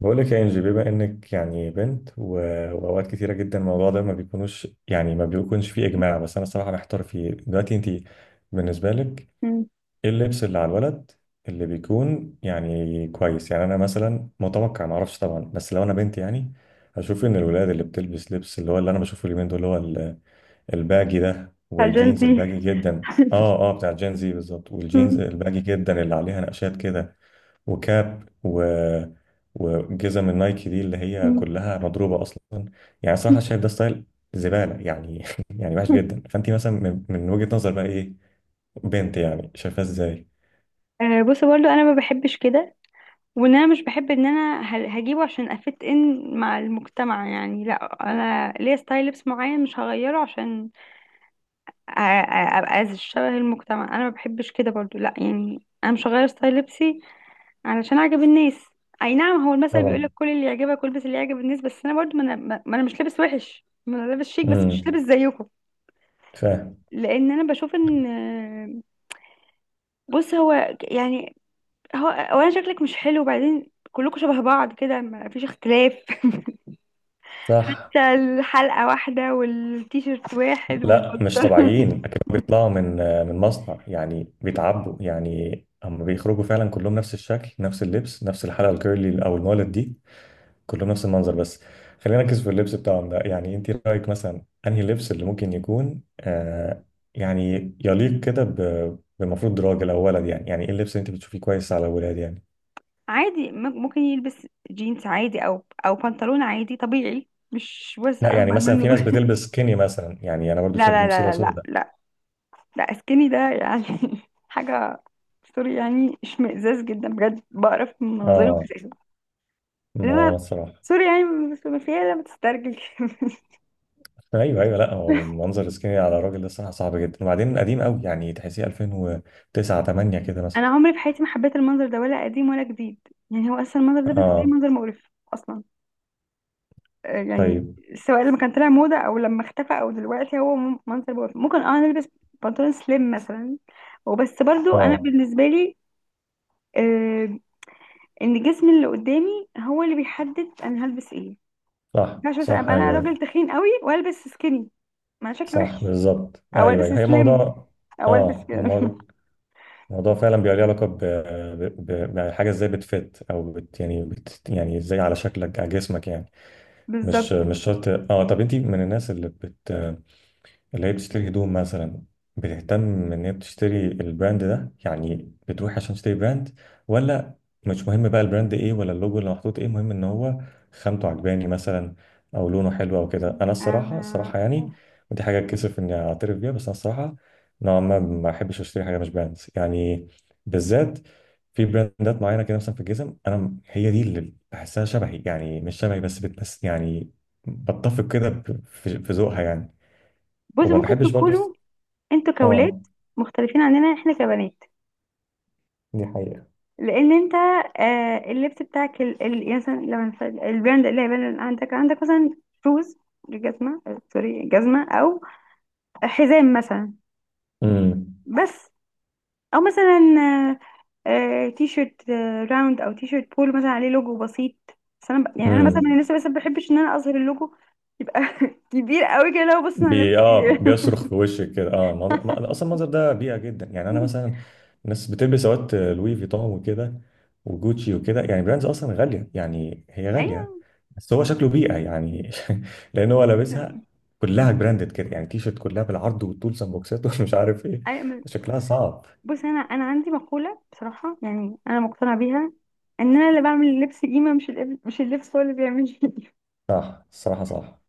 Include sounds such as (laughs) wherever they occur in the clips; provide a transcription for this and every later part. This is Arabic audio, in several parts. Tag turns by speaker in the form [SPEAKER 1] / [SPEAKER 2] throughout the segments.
[SPEAKER 1] بقول لك يا انجي، بما انك يعني بنت و- واوقات كتيره جدا الموضوع ده ما بيكونوش يعني ما بيكونش فيه اجماع، بس انا الصراحه محتار فيه دلوقتي. انت بالنسبه لك
[SPEAKER 2] مم.
[SPEAKER 1] ايه اللبس اللي على الولد اللي بيكون يعني كويس؟ يعني انا مثلا متوقع، ما اعرفش طبعا، بس لو انا بنت يعني هشوف ان الولاد اللي بتلبس لبس اللي هو اللي انا بشوفه اليومين دول اللي هو ال- الباجي ده والجينز
[SPEAKER 2] فالجنسي
[SPEAKER 1] الباجي جدا، اه اه
[SPEAKER 2] (laughs)
[SPEAKER 1] بتاع جين زي بالظبط، والجينز الباجي جدا اللي عليها نقشات كده وكاب و... وجزم النايكي دي اللي هي كلها مضروبه اصلا، يعني صراحه شايف ده ستايل زباله يعني (laughs) يعني وحش جدا. فانت مثلا من وجهه نظر بقى ايه؟ بنت يعني شايفاه ازاي؟
[SPEAKER 2] آه، بص برضو انا ما بحبش كده، وان انا مش بحب ان انا هجيبه عشان افت ان مع المجتمع. يعني لا، انا ليا ستايل لبس معين مش هغيره عشان أ- أ- ابقى شبه المجتمع. انا ما بحبش كده برضو، لا يعني انا مش هغير ستايل لبسي علشان اعجب الناس. اي نعم، هو المثل بيقول
[SPEAKER 1] طبعا.
[SPEAKER 2] لك كل اللي يعجبك والبس اللي يعجب الناس، بس انا برضو ما أنا مش لابس وحش، ما انا لابس شيك، بس مش
[SPEAKER 1] امم،
[SPEAKER 2] لابس زيكم.
[SPEAKER 1] فاهم.
[SPEAKER 2] لان انا بشوف ان بص هو يعني هو اولا شكلك مش حلو، وبعدين كلكم شبه بعض كده، ما فيش اختلاف. (laughs)
[SPEAKER 1] صح.
[SPEAKER 2] حتى الحلقة واحدة والتيشيرت واحد
[SPEAKER 1] لا مش
[SPEAKER 2] والبنطلون.
[SPEAKER 1] طبيعيين اكيد، بيطلعوا من من مصنع يعني بيتعبوا، يعني هم بيخرجوا فعلا كلهم نفس الشكل نفس اللبس نفس الحلقه الكيرلي او المولد دي، كلهم نفس المنظر. بس خلينا نركز في اللبس بتاعهم ده. يعني انت رايك مثلا انهي لبس اللي ممكن يكون يعني يليق كده ب- بمفروض راجل او ولد، يعني يعني ايه اللبس اللي انت بتشوفيه كويس على الولاد يعني؟
[SPEAKER 2] (laughs) عادي، ممكن يلبس جينز عادي او او بنطلون عادي طبيعي، مش واسع
[SPEAKER 1] لا، يعني
[SPEAKER 2] اكبر
[SPEAKER 1] مثلا في ناس
[SPEAKER 2] منه.
[SPEAKER 1] بتلبس سكيني مثلا، يعني انا
[SPEAKER 2] (laughs)
[SPEAKER 1] برضو
[SPEAKER 2] لا
[SPEAKER 1] شايف دي
[SPEAKER 2] لا
[SPEAKER 1] مصيبه
[SPEAKER 2] لا لا لا
[SPEAKER 1] سوداء.
[SPEAKER 2] لا، لا سكيني ده يعني (laughs) حاجة. سوري يعني، اشمئزاز جدا بجد، بقرف من مناظره
[SPEAKER 1] اه
[SPEAKER 2] اساسا. انما
[SPEAKER 1] ما صراحه.
[SPEAKER 2] سوري يعني، بس ما فيها لا، ما تسترجل. (laughs)
[SPEAKER 1] ايوه ايوه، لا هو منظر سكيني على الراجل ده الصراحه صعب جدا، وبعدين قديم قوي يعني تحسيه 2009 8 كده مثلا.
[SPEAKER 2] انا عمري في حياتي ما حبيت المنظر ده، ولا قديم ولا جديد. يعني هو اصلا المنظر ده بالنسبه لي
[SPEAKER 1] اه.
[SPEAKER 2] منظر مقرف اصلا. يعني
[SPEAKER 1] طيب.
[SPEAKER 2] سواء لما كان طلع موضه او لما اختفى او دلوقتي، هو منظر مقرف. ممكن اه نلبس بنطلون سليم مثلا، وبس. برضو انا
[SPEAKER 1] اه.
[SPEAKER 2] بالنسبه لي آه، ان جسمي اللي قدامي هو اللي بيحدد انا هلبس ايه. ما
[SPEAKER 1] صح
[SPEAKER 2] ينفعش مثلا
[SPEAKER 1] صح،
[SPEAKER 2] ابقى انا
[SPEAKER 1] ايوه ايوه.
[SPEAKER 2] راجل تخين قوي والبس سكيني، ما شكلي
[SPEAKER 1] صح
[SPEAKER 2] وحش،
[SPEAKER 1] بالظبط،
[SPEAKER 2] او
[SPEAKER 1] ايوه
[SPEAKER 2] البس
[SPEAKER 1] ايوه، هي
[SPEAKER 2] سليم
[SPEAKER 1] موضوع.
[SPEAKER 2] او البس
[SPEAKER 1] اه هو
[SPEAKER 2] كده.
[SPEAKER 1] موضوع،
[SPEAKER 2] (laughs)
[SPEAKER 1] موضوع فعلا بيبقى ليه علاقه ب... ب... ب... بحاجه، ازاي بتفت او بت... يعني بت... يعني ازاي على شكلك على جسمك يعني. مش
[SPEAKER 2] بالظبط.
[SPEAKER 1] مش شرط. اه طب انت من الناس اللي بت... اللي هي بتشتري هدوم مثلا، بتهتم ان هي بتشتري البراند ده، يعني بتروح عشان تشتري براند؟ ولا مش مهم بقى البراند ايه ولا اللوجو اللي محطوط ايه، مهم ان هو خامته عجباني مثلا او لونه حلو او كده؟ انا الصراحه
[SPEAKER 2] انا
[SPEAKER 1] الصراحه يعني ودي حاجه اتكسف اني اعترف بيها، بس انا الصراحه نوعا ما ما احبش اشتري حاجه مش براند يعني، بالذات في براندات معينه كده. مثلا في الجزم انا م- هي دي اللي بحسها شبهي، يعني مش شبهي بس بتمس يعني بتفق كده ب- في في ذوقها يعني.
[SPEAKER 2] بص
[SPEAKER 1] وما
[SPEAKER 2] ممكن
[SPEAKER 1] بحبش برضه.
[SPEAKER 2] تكونوا انتوا كولاد
[SPEAKER 1] اه.
[SPEAKER 2] مختلفين عننا احنا كبنات،
[SPEAKER 1] دي حقيقة.
[SPEAKER 2] لان انت اللبس بتاعك يعني مثلا لما البراند اللي هيبان عندك، عندك مثلا شوز، جزمه، آه، سوري، جزمه، او حزام مثلا،
[SPEAKER 1] امم.
[SPEAKER 2] بس، او مثلا آه تي شيرت راوند او تي شيرت بول مثلا عليه لوجو بسيط. بس انا يعني انا مثلا من
[SPEAKER 1] امم.
[SPEAKER 2] الناس اللي، بس ما بحبش ان انا اظهر اللوجو. يبقى (laughs) كبير قوي كده لو بص انا لابس
[SPEAKER 1] بي اه
[SPEAKER 2] ايه.
[SPEAKER 1] بيصرخ
[SPEAKER 2] (laughs)
[SPEAKER 1] في وشك كده، اه المنظر... ما- اصلا المنظر ده بيئة جدا، يعني انا مثلا الناس بتلبس سوات لوي فيتون وكده وجوتشي وكده، يعني براندز اصلا غالية، يعني هي غالية
[SPEAKER 2] ايوه.
[SPEAKER 1] بس هو شكله بيئة يعني (laughs) لان هو لابسها كلها براندد كده، يعني تيشرت كلها بالعرض والطول سان بوكسات (laughs) ومش عارف ايه،
[SPEAKER 2] أيوة،
[SPEAKER 1] شكلها صعب.
[SPEAKER 2] بص انا عندي مقوله بصراحه يعني انا مقتنعه بيها، ان انا اللي بعمل اللبس قيمه، مش اللبس، مش اللبس هو اللي بيعمل (laughs) لي قيمة.
[SPEAKER 1] صح الصراحة صح.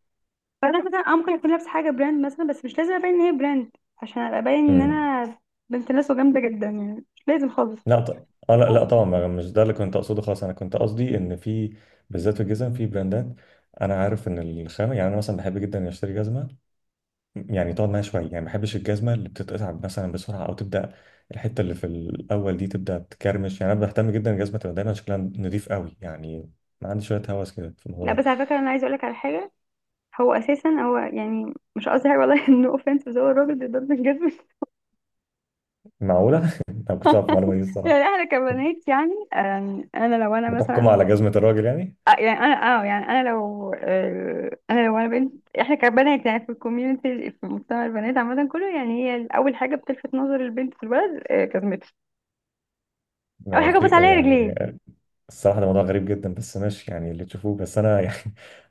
[SPEAKER 2] فانا مثلا آه ممكن اكون لابسه حاجه براند مثلا، بس مش لازم ابين ان هي براند عشان ابقى باين ان
[SPEAKER 1] امم.
[SPEAKER 2] انا بنت ناس وجامده جدا. يعني مش لازم خالص.
[SPEAKER 1] لا ط... اه لا لا طبعا،
[SPEAKER 2] أوه.
[SPEAKER 1] ما- مش ده اللي كنت اقصده خالص، انا كنت قصدي ان في بالذات في الجزم في براندات انا عارف ان الخامه، يعني انا مثلا بحب جدا اني اشتري جزمه يعني تقعد معايا شويه، يعني ما بحبش الجزمه اللي بتتقطع مثلا بسرعه او تبدا الحته اللي في الاول دي تبدا تكرمش. يعني انا بهتم جدا الجزمه تبقى دايما شكلها نضيف قوي، يعني ما عندي شويه هوس كده في
[SPEAKER 2] لا
[SPEAKER 1] الموضوع ده.
[SPEAKER 2] بس على فكره انا عايزه اقول لك على حاجه. هو اساسا، هو يعني مش قصدي حاجه والله (laughs) انه اوفنس، بس هو الراجل بيضرب الجزم. (laughs)
[SPEAKER 1] معقوله (laughs) انا ما كنتش اعرف المعلومه دي
[SPEAKER 2] يعني
[SPEAKER 1] الصراحه.
[SPEAKER 2] احنا كبنات يعني انا لو انا
[SPEAKER 1] بتحكم
[SPEAKER 2] مثلا،
[SPEAKER 1] على جزمه الراجل يعني.
[SPEAKER 2] آه، يعني انا اه يعني انا لو آه، انا لو انا بنت. احنا كبنات يعني في الكوميونتي، في مجتمع البنات عامه كله يعني هي اول حاجه بتلفت نظر البنت في البلد جزمتها. اول
[SPEAKER 1] ما
[SPEAKER 2] حاجه ببص
[SPEAKER 1] شيء
[SPEAKER 2] عليها رجليه.
[SPEAKER 1] يعني. الصراحة ده موضوع غريب جدا بس ماشي، يعني اللي تشوفوه. بس أنا (laughs) يعني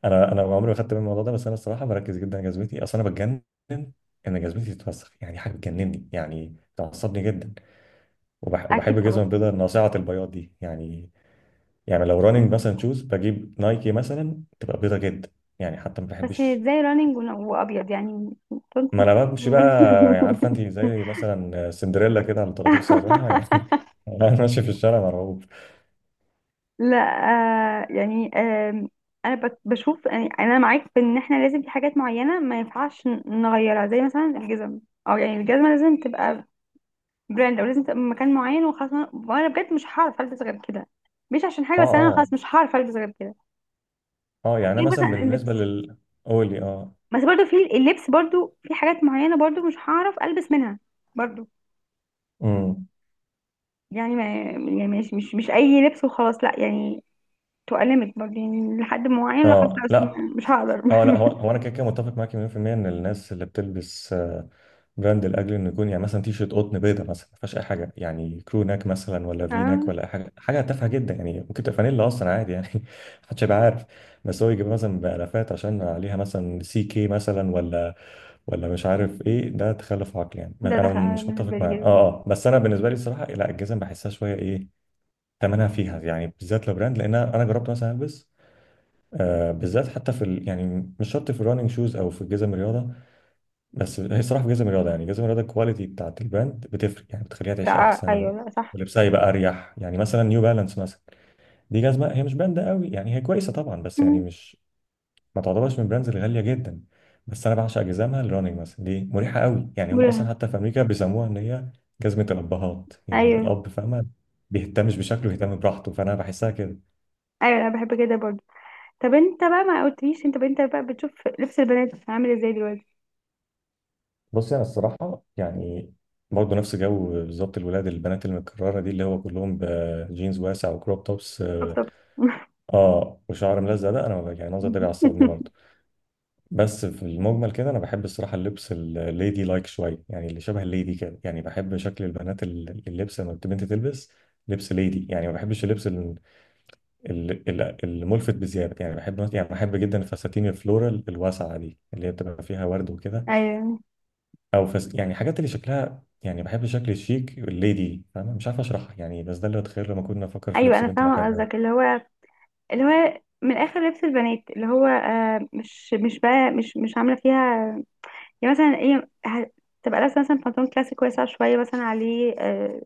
[SPEAKER 1] أنا عمري ما خدت بالي من الموضوع ده، بس أنا الصراحة بركز جدا على جزمتي، أصل أنا بتجنن إن جزمتي تتوسخ، يعني حاجة بتجنني يعني تعصبني جدا. وبحب
[SPEAKER 2] اكيد طبعا.
[SPEAKER 1] الجزمة البيضاء ناصعة البياض دي يعني. يعني لو راننج مثلا شوز بجيب نايكي مثلا تبقى بيضاء جدا يعني، حتى ما
[SPEAKER 2] بس هي
[SPEAKER 1] بحبش.
[SPEAKER 2] ازاي رانينج وابيض يعني؟
[SPEAKER 1] ما أنا بمشي بقى، يعني عارفة أنت زي
[SPEAKER 2] (laughs)
[SPEAKER 1] مثلا سندريلا كده على طراطيف صوابعها يعني (laughs) أنا ماشي في الشارع مرعوب.
[SPEAKER 2] لا آه يعني آم، انا بشوف، يعني انا معاك في ان احنا لازم في حاجات معينه ما ينفعش نغيرها زي مثلا الجزم، او يعني الجزمه لازم تبقى براند او لازم تبقى من مكان معين وخلاص. وأنا بجد مش هعرف البس غير كده، مش عشان
[SPEAKER 1] أه
[SPEAKER 2] حاجه، بس انا
[SPEAKER 1] أه.
[SPEAKER 2] خلاص مش هعرف البس غير كده.
[SPEAKER 1] أه يعني أنا
[SPEAKER 2] يعني
[SPEAKER 1] مثلا
[SPEAKER 2] مثلا اللبس،
[SPEAKER 1] بالنسبة لل... قولي أه.
[SPEAKER 2] بس برضو في اللبس برضو في حاجات معينه برضو مش هعرف البس منها برضو.
[SPEAKER 1] امم.
[SPEAKER 2] يعني ما يعني مش مش مش اي ليميت وخلاص، لا يعني تبقى ليميت برضو، يعني لحد معين، لو
[SPEAKER 1] اه
[SPEAKER 2] خلاص
[SPEAKER 1] لا.
[SPEAKER 2] مش هقدر. (laughs)
[SPEAKER 1] اه لا، هو انا كده كده متفق معاك 100% ان الناس اللي بتلبس براند لاجل انه يكون، يعني مثلا تي شيرت قطن بيضه مثلا ما فيهاش اي حاجه، يعني كرو ناك مثلا ولا في ناك
[SPEAKER 2] اه
[SPEAKER 1] ولا اي حاجه، حاجه تافهه جدا يعني، ممكن تبقى فانيلا اصلا عادي يعني (laughs) محدش هيبقى عارف. بس هو يجيب مثلا بالافات عشان عليها مثلا سي كي مثلا، ولا ولا مش عارف ايه، ده تخلف عقلي يعني،
[SPEAKER 2] ده
[SPEAKER 1] انا
[SPEAKER 2] دخل
[SPEAKER 1] مش متفق
[SPEAKER 2] بالنسبه لي
[SPEAKER 1] معاه
[SPEAKER 2] كده.
[SPEAKER 1] اه اه. بس انا بالنسبه لي الصراحه لا الجزم بحسها شويه ايه، ثمنها فيها يعني بالذات لو براند، لان انا جربت مثلا البس بالذات حتى في ال... يعني مش شرط في الراننج شوز او في جزم الرياضه. بس هي الصراحه في جزم الرياضه، يعني جزم الرياضه الكواليتي بتاعت البراند بتفرق يعني بتخليها تعيش
[SPEAKER 2] لا آه، ايوه،
[SPEAKER 1] احسن
[SPEAKER 2] لا صح.
[SPEAKER 1] ولبسها يبقى اريح. يعني مثلا نيو بالانس مثلا دي جزمه هي مش براند قوي يعني، هي كويسه طبعا
[SPEAKER 2] (laughs)
[SPEAKER 1] بس يعني
[SPEAKER 2] مم.
[SPEAKER 1] مش ما تعتبرش من البراندز الغاليه جدا، بس انا بعشق جزامها الراننج مثلا دي مريحه قوي يعني. هم اصلا
[SPEAKER 2] مريحة.
[SPEAKER 1] حتى في امريكا بيسموها ان هي جزمه الابهات، يعني
[SPEAKER 2] ايوه
[SPEAKER 1] الاب فاهمه، بيهتمش بشكله يهتم براحته، فانا بحسها كده.
[SPEAKER 2] ايوه، انا بحب كده برضو. طب انت بقى ما قلتليش، انت انت بقى بتشوف لبس البنات عامل ازاي دلوقتي؟
[SPEAKER 1] بص انا الصراحه يعني برضه نفس جو بالظبط الولاد، البنات المتكرره دي اللي هو كلهم بجينز واسع وكروب توبس اه،
[SPEAKER 2] طبطبت.
[SPEAKER 1] وشعر ملزق ده، انا يعني المنظر ده بيعصبني
[SPEAKER 2] (laughs)
[SPEAKER 1] برضه. بس في المجمل كده انا بحب الصراحه اللبس الليدي لايك شويه، يعني اللي شبه الليدي كده، يعني بحب شكل البنات ال- اللبس لما البنت تلبس لبس ليدي، يعني ما بحبش اللبس ال- ال- ال- الملفت بزياده. يعني بحب، يعني بحب جدا الفساتين الفلورال الواسعه دي اللي هي بتبقى فيها ورد وكده،
[SPEAKER 2] ايوه
[SPEAKER 1] او فس يعني حاجات اللي شكلها يعني، بحب الشكل الشيك الليدي، فاهم؟ مش عارف اشرحها يعني، بس ده اللي اتخيل لما كنا افكر في
[SPEAKER 2] ايوه،
[SPEAKER 1] لبس
[SPEAKER 2] انا
[SPEAKER 1] بنت
[SPEAKER 2] فاهمه
[SPEAKER 1] بحبه يعني.
[SPEAKER 2] قصدك، اللي هو اللي هو من الاخر لبس البنات اللي هو آه، مش مش بقى مش مش عامله فيها. يعني مثلا ايه، تبقى لابسه مثلا بنطلون كلاسيك واسع شويه، مثلا عليه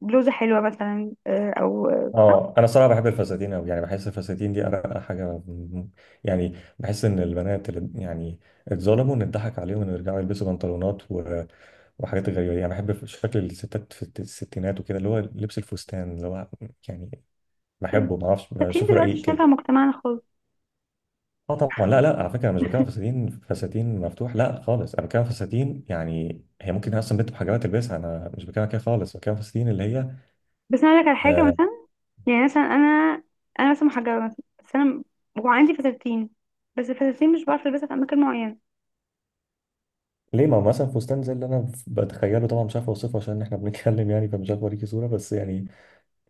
[SPEAKER 2] بلوزه حلوه مثلا، آه او آه، صح.
[SPEAKER 1] اه انا صراحه بحب الفساتين قوي، يعني بحس الفساتين دي ارقى حاجه م- يعني بحس ان البنات اللي يعني اتظلموا ان اتضحك عليهم ان يرجعوا يلبسوا بنطلونات و... وحاجات غريبه دي. يعني بحب شكل الستات في الت- الستينات وكده، اللي هو لبس الفستان اللي هو يعني بحبه، ما اعرفش
[SPEAKER 2] فاتين
[SPEAKER 1] بشوفه
[SPEAKER 2] دلوقتي
[SPEAKER 1] رقيق
[SPEAKER 2] مش
[SPEAKER 1] كده.
[SPEAKER 2] نافع مجتمعنا خالص.
[SPEAKER 1] اه طبعا، لا لا على فكره انا مش بتكلم فساتين فساتين مفتوح لا خالص، انا بتكلم فساتين يعني هي ممكن اصلا بنت بحجابات تلبسها، انا مش بتكلم كده خالص، بتكلم فساتين اللي هي
[SPEAKER 2] بس انا اقول لك على حاجه
[SPEAKER 1] آه
[SPEAKER 2] مثلا، يعني مثلا انا، انا مثلا محجبه مثلا، بس انا وعندي فساتين، بس الفساتين مش بعرف البسها في اماكن معينه.
[SPEAKER 1] ليه. ما هو مثلا فستان زي اللي انا بتخيله، طبعا مش عارف اوصفه عشان احنا بنتكلم يعني، فمش عارف اوريكي صوره بس يعني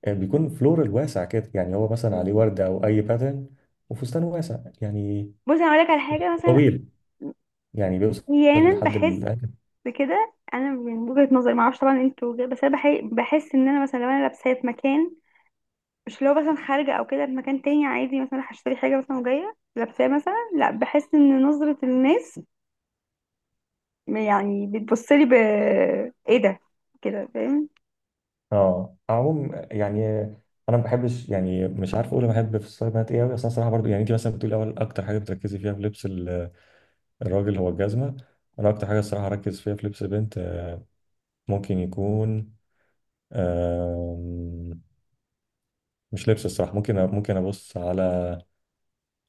[SPEAKER 1] بيكون فلورال واسع كده، يعني هو مثلا عليه ورده او اي باترن، وفستان واسع يعني
[SPEAKER 2] بصي انا اقول لك على حاجه مثلا،
[SPEAKER 1] طويل يعني بيوصل
[SPEAKER 2] احيانا
[SPEAKER 1] لحد
[SPEAKER 2] بحس
[SPEAKER 1] الأنكل.
[SPEAKER 2] بكده. انا من وجهة نظري، معرفش طبعا انتوا وجهة، بس انا بحس ان انا مثلا لو انا لابساه في مكان، مش لو مثلا خارجه او كده في مكان تاني عادي مثلا، هشتري حاجه مثلا وجايه لابساه مثلا، لا بحس ان نظره الناس يعني بتبص لي ب، ايه ده، كده فاهم؟
[SPEAKER 1] اه عموم يعني انا ما بحبش، يعني مش عارف اقول أنا بحب في الستايل بنات ايه قوي. اصل انا صراحه برضو، يعني انت مثلا بتقولي اول اكتر حاجه بتركزي فيها في لبس ال- الراجل هو الجزمه، انا اكتر حاجه الصراحه اركز فيها في لبس البنت ممكن يكون آم، مش لبس الصراحه، ممكن أ- ممكن ابص على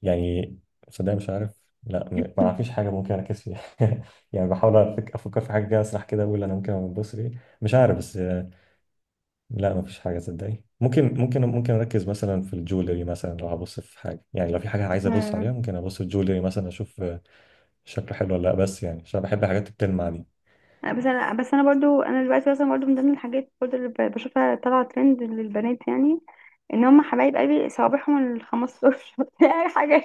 [SPEAKER 1] يعني صدق مش عارف، لا م- ما فيش
[SPEAKER 2] (laughs)
[SPEAKER 1] حاجه ممكن اركز فيها (laughs) يعني بحاول أفك- افكر في حاجه كده اسرح كده اقول انا ممكن ابص في إيه. مش عارف. بس لا مفيش حاجة صدقني، ممكن أركز مثلا في الجولري مثلا، لو هبص في حاجة، يعني لو في حاجة عايز أبص عليها
[SPEAKER 2] مم.
[SPEAKER 1] ممكن أبص في الجولري مثلا أشوف شكله حلو ولا لأ، بس يعني عشان بحب الحاجات التلمع دي.
[SPEAKER 2] بس انا بس انا برضو انا دلوقتي مثلا برضو من ضمن الحاجات برضو اللي بشوفها طالعه ترند للبنات يعني، ان هم حبايب قلبي صوابعهم ال 15 يعني. (laughs) حاجه،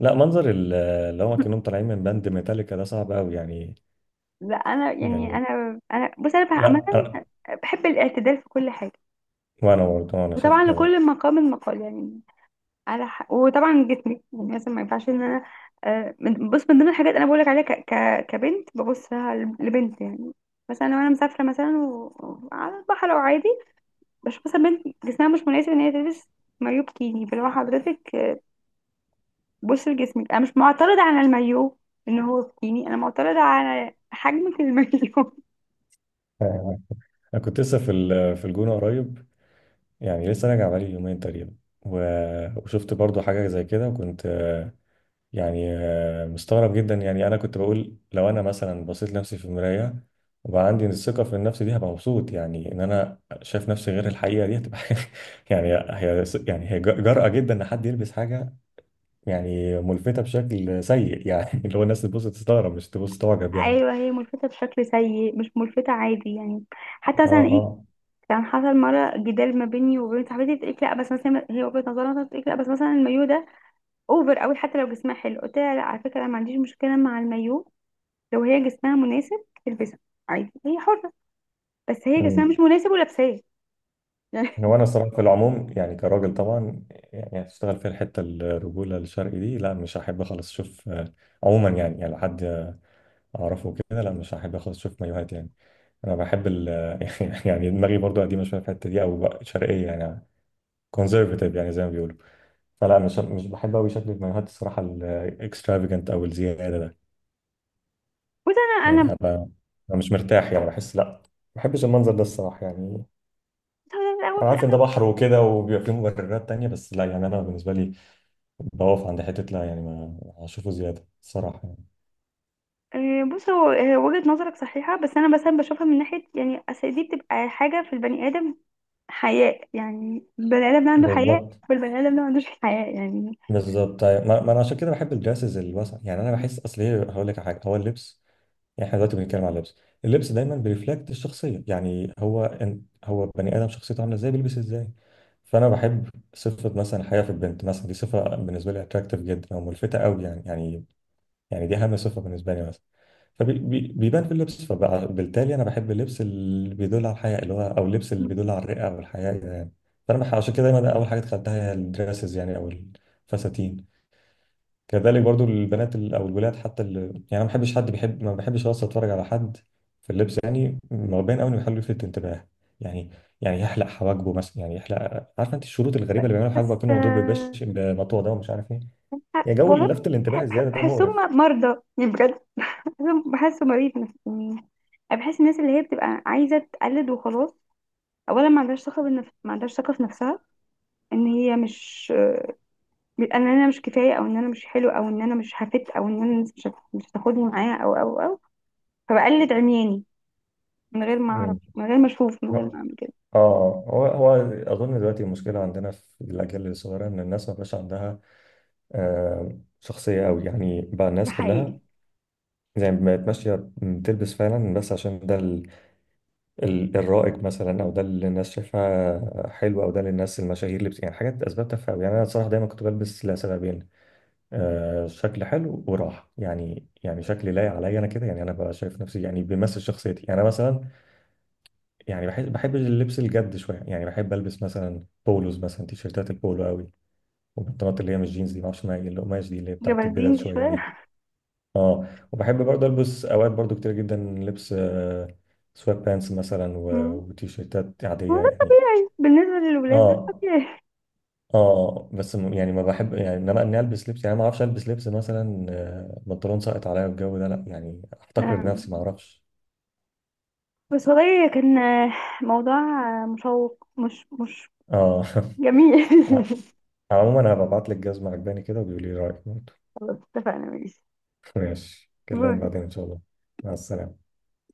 [SPEAKER 1] لا منظر ال- اللي هو كأنهم طالعين من باند ميتاليكا ده صعب أوي يعني.
[SPEAKER 2] لا انا يعني
[SPEAKER 1] يعني
[SPEAKER 2] انا بص، انا بقى
[SPEAKER 1] لا أنا،
[SPEAKER 2] بحب الاعتدال في كل حاجة،
[SPEAKER 1] وأنا برضه أنا شايف
[SPEAKER 2] وطبعا
[SPEAKER 1] كده.
[SPEAKER 2] لكل مقام مقال يعني، على وطبعا جسمي يعني مثلا ما ينفعش ان انا بص، من ضمن الحاجات انا بقولك عليها كبنت ببص لها لبنت يعني. مثلا لو انا مسافرة مثلا و، على البحر او عادي، بشوف مثلا بنت جسمها مش مناسب ان هي تلبس مايو بكيني. فلو حضرتك بص لجسمك، انا مش معترضة على المايو ان هو بكيني، انا معترضة على حجمك المايو. (laughs)
[SPEAKER 1] أنا كنت لسه في ال- في الجونة قريب، يعني لسه راجع بقالي يومين تقريبا، و- وشفت برضه حاجة زي كده وكنت يعني مستغرب جدا. يعني انا كنت بقول لو انا مثلا بصيت لنفسي في المرايه وبقى عندي الثقه في النفس دي هبقى مبسوط يعني ان انا شايف نفسي غير الحقيقه، دي هتبقى (laughs) يعني هي، يعني هي جرأة جدا ان حد يلبس حاجه يعني ملفته بشكل سيء يعني (laughs) اللي هو الناس تبص تستغرب مش تبص تعجب يعني.
[SPEAKER 2] ايوه، هي ملفتة بشكل سيء، مش ملفتة عادي يعني. حتى
[SPEAKER 1] اه
[SPEAKER 2] مثلا ايه،
[SPEAKER 1] اه.
[SPEAKER 2] كان حصل مرة جدال ما بيني وبين صاحبتي، بتقولي لا، بس مثلا هي وجهة نظرها مثلا بتقولي لا، بس مثلا المايو ده اوفر قوي حتى لو جسمها حلو. قلت لها لا على فكرة، انا ما عنديش مشكلة مع المايو لو هي جسمها مناسب تلبسه، عادي هي حرة، بس هي جسمها
[SPEAKER 1] أمم.
[SPEAKER 2] مش مناسب ولابساه يعني.
[SPEAKER 1] هو انا الصراحه في العموم يعني كراجل طبعا، يعني هتشتغل في الحته الرجوله الشرقي دي، لا مش هحب خالص اشوف عموما يعني، يعني لو حد اعرفه كده لا مش هحب خالص اشوف مايوهات يعني. انا بحب ال (laughs) يعني دماغي برضو قديمه شويه في الحته دي او بقى شرقيه يعني، كونزرفاتيف يعني زي ما بيقولوا، فلا مش بحب قوي شكل المايوهات الصراحه الاكسترافيجنت او الزياده ده،
[SPEAKER 2] (laughs) بص انا
[SPEAKER 1] يعني
[SPEAKER 2] بص،
[SPEAKER 1] هبقى أنا مش مرتاح يعني، بحس لا ما بحبش المنظر ده الصراحه يعني.
[SPEAKER 2] هو ده في الاول
[SPEAKER 1] انا
[SPEAKER 2] في
[SPEAKER 1] عارف ان ده
[SPEAKER 2] الاخر.
[SPEAKER 1] بحر وكده وبيبقى فيه مبررات تانية، بس لا يعني انا بالنسبه لي بقف عند حته، لا يعني ما هشوفه زياده الصراحه يعني.
[SPEAKER 2] آه، بص هو آه، وجهة نظرك صحيحة، بس انا مثلا بشوفها من ناحية يعني، اصل دي بتبقى حاجة في البني ادم، حياء. يعني البني ادم ده عنده حياء
[SPEAKER 1] بالظبط.
[SPEAKER 2] والبني ادم ده ما عندوش حياء يعني.
[SPEAKER 1] بالظبط. طيب ما انا عشان كده بحب الدراسز الواسعه يعني، انا بحس اصل ايه، هقول لك على حاجه. هو اللبس، يعني احنا دلوقتي بنتكلم على اللبس، اللبس دايما بيرفلكت الشخصيه، يعني هو إن هو بني ادم شخصيته عامله ازاي بيلبس ازاي. فانا بحب صفه مثلا حياه في البنت مثلا، دي صفه بالنسبه لي اتراكتيف جدا او ملفته قوي يعني، يعني يعني دي اهم صفه بالنسبه لي مثلا، فبيبان في اللبس، فبالتالي انا بحب اللبس اللي بيدل على الحياه، اللي هو او اللبس اللي بيدل على الرئه او الحياه يعني. فانا بح- عشان كده دايما اول حاجه دخلتها هي الدراسز يعني، او الفساتين. كذلك برضو البنات ال- او الولاد حتى ال... يعني انا ما بحبش حد بيحب، ما بحبش اصلا اتفرج على حد في اللبس يعني مبين قوي انه يحاول يلفت انتباه. يعني يعني يحلق حواجبه مثلا، يعني يحلق، عارفه انت الشروط الغريبه اللي بيعملوا حواجبه
[SPEAKER 2] بس
[SPEAKER 1] كانه مضروب ببش بمطوه ده ومش عارف ايه. يا جو
[SPEAKER 2] والله
[SPEAKER 1] لفت الانتباه الزياده ده مقرف.
[SPEAKER 2] بحسهم مرضى يعني بجد، بحسهم، بحسه مريض نفسي يعني. أنا بحس الناس اللي هي بتبقى عايزة تقلد وخلاص، أولا ما عندهاش ثقة بالنفس، ما عندهاش ثقة في نفسها، إن هي مش، إن أنا مش كفاية، أو إن أنا مش حلو، أو إن أنا مش هفت، أو إن أنا الناس مش هتاخدني معايا، أو أو أو، فبقلد عمياني من غير ما أعرف،
[SPEAKER 1] امم.
[SPEAKER 2] من غير ما أشوف، من غير ما
[SPEAKER 1] اه.
[SPEAKER 2] أعمل كده.
[SPEAKER 1] هو هو اظن دلوقتي المشكله عندنا في الاجيال الصغيره ان الناس ما بقاش عندها آه شخصيه قوي يعني، بقى
[SPEAKER 2] دي
[SPEAKER 1] الناس كلها
[SPEAKER 2] حقيقي.
[SPEAKER 1] زي ما بقت ماشيه بتلبس فعلا بس عشان ده ال- الرائج مثلا، او ده اللي الناس شايفاه حلو، او ده اللي الناس المشاهير اللي بت... يعني حاجات اسباب تافهه أوي. يعني انا صراحه دايما كنت بلبس لسببين، آه شكل حلو وراحه، يعني يعني شكلي لايق عليا انا كده يعني، انا ببقى شايف نفسي يعني بيمثل شخصيتي. يعني انا مثلا يعني بحب اللبس الجد شويه، يعني بحب البس مثلا بولوز مثلا، تيشيرتات البولو قوي، والبنطلونات اللي هي مش جينز دي، معرفش ما هي القماش دي اللي هي بتاعت
[SPEAKER 2] جبردين
[SPEAKER 1] البدل
[SPEAKER 2] دي
[SPEAKER 1] شويه دي،
[SPEAKER 2] شوية.
[SPEAKER 1] اه. وبحب برضه البس اوقات برضه كتير جدا لبس سوات بانس مثلا،
[SPEAKER 2] (laughs)
[SPEAKER 1] و-
[SPEAKER 2] مم.
[SPEAKER 1] وتيشيرتات عاديه يعني.
[SPEAKER 2] بالنسبة للولاد ده
[SPEAKER 1] اه
[SPEAKER 2] طبيعي.
[SPEAKER 1] اه، بس م- يعني ما بحب، يعني انما اني البس لبس يعني ما اعرفش البس لبس مثلا بنطلون ساقط عليا والجو ده، لا يعني احتقر نفسي ما
[SPEAKER 2] (laughs)
[SPEAKER 1] اعرفش.
[SPEAKER 2] بس والله كان موضوع مشوق، مش مش
[SPEAKER 1] اه
[SPEAKER 2] جميل.
[SPEAKER 1] (laughs)
[SPEAKER 2] (laughs)
[SPEAKER 1] عموما انا ببعت لك جزمه عجباني كده وبيقولي لي رايك برضه.
[SPEAKER 2] خلاص، اتفقنا، ماشي.
[SPEAKER 1] (laughs) ماشي، كلمك
[SPEAKER 2] باي.
[SPEAKER 1] بعدين ان شاء الله. مع السلامه.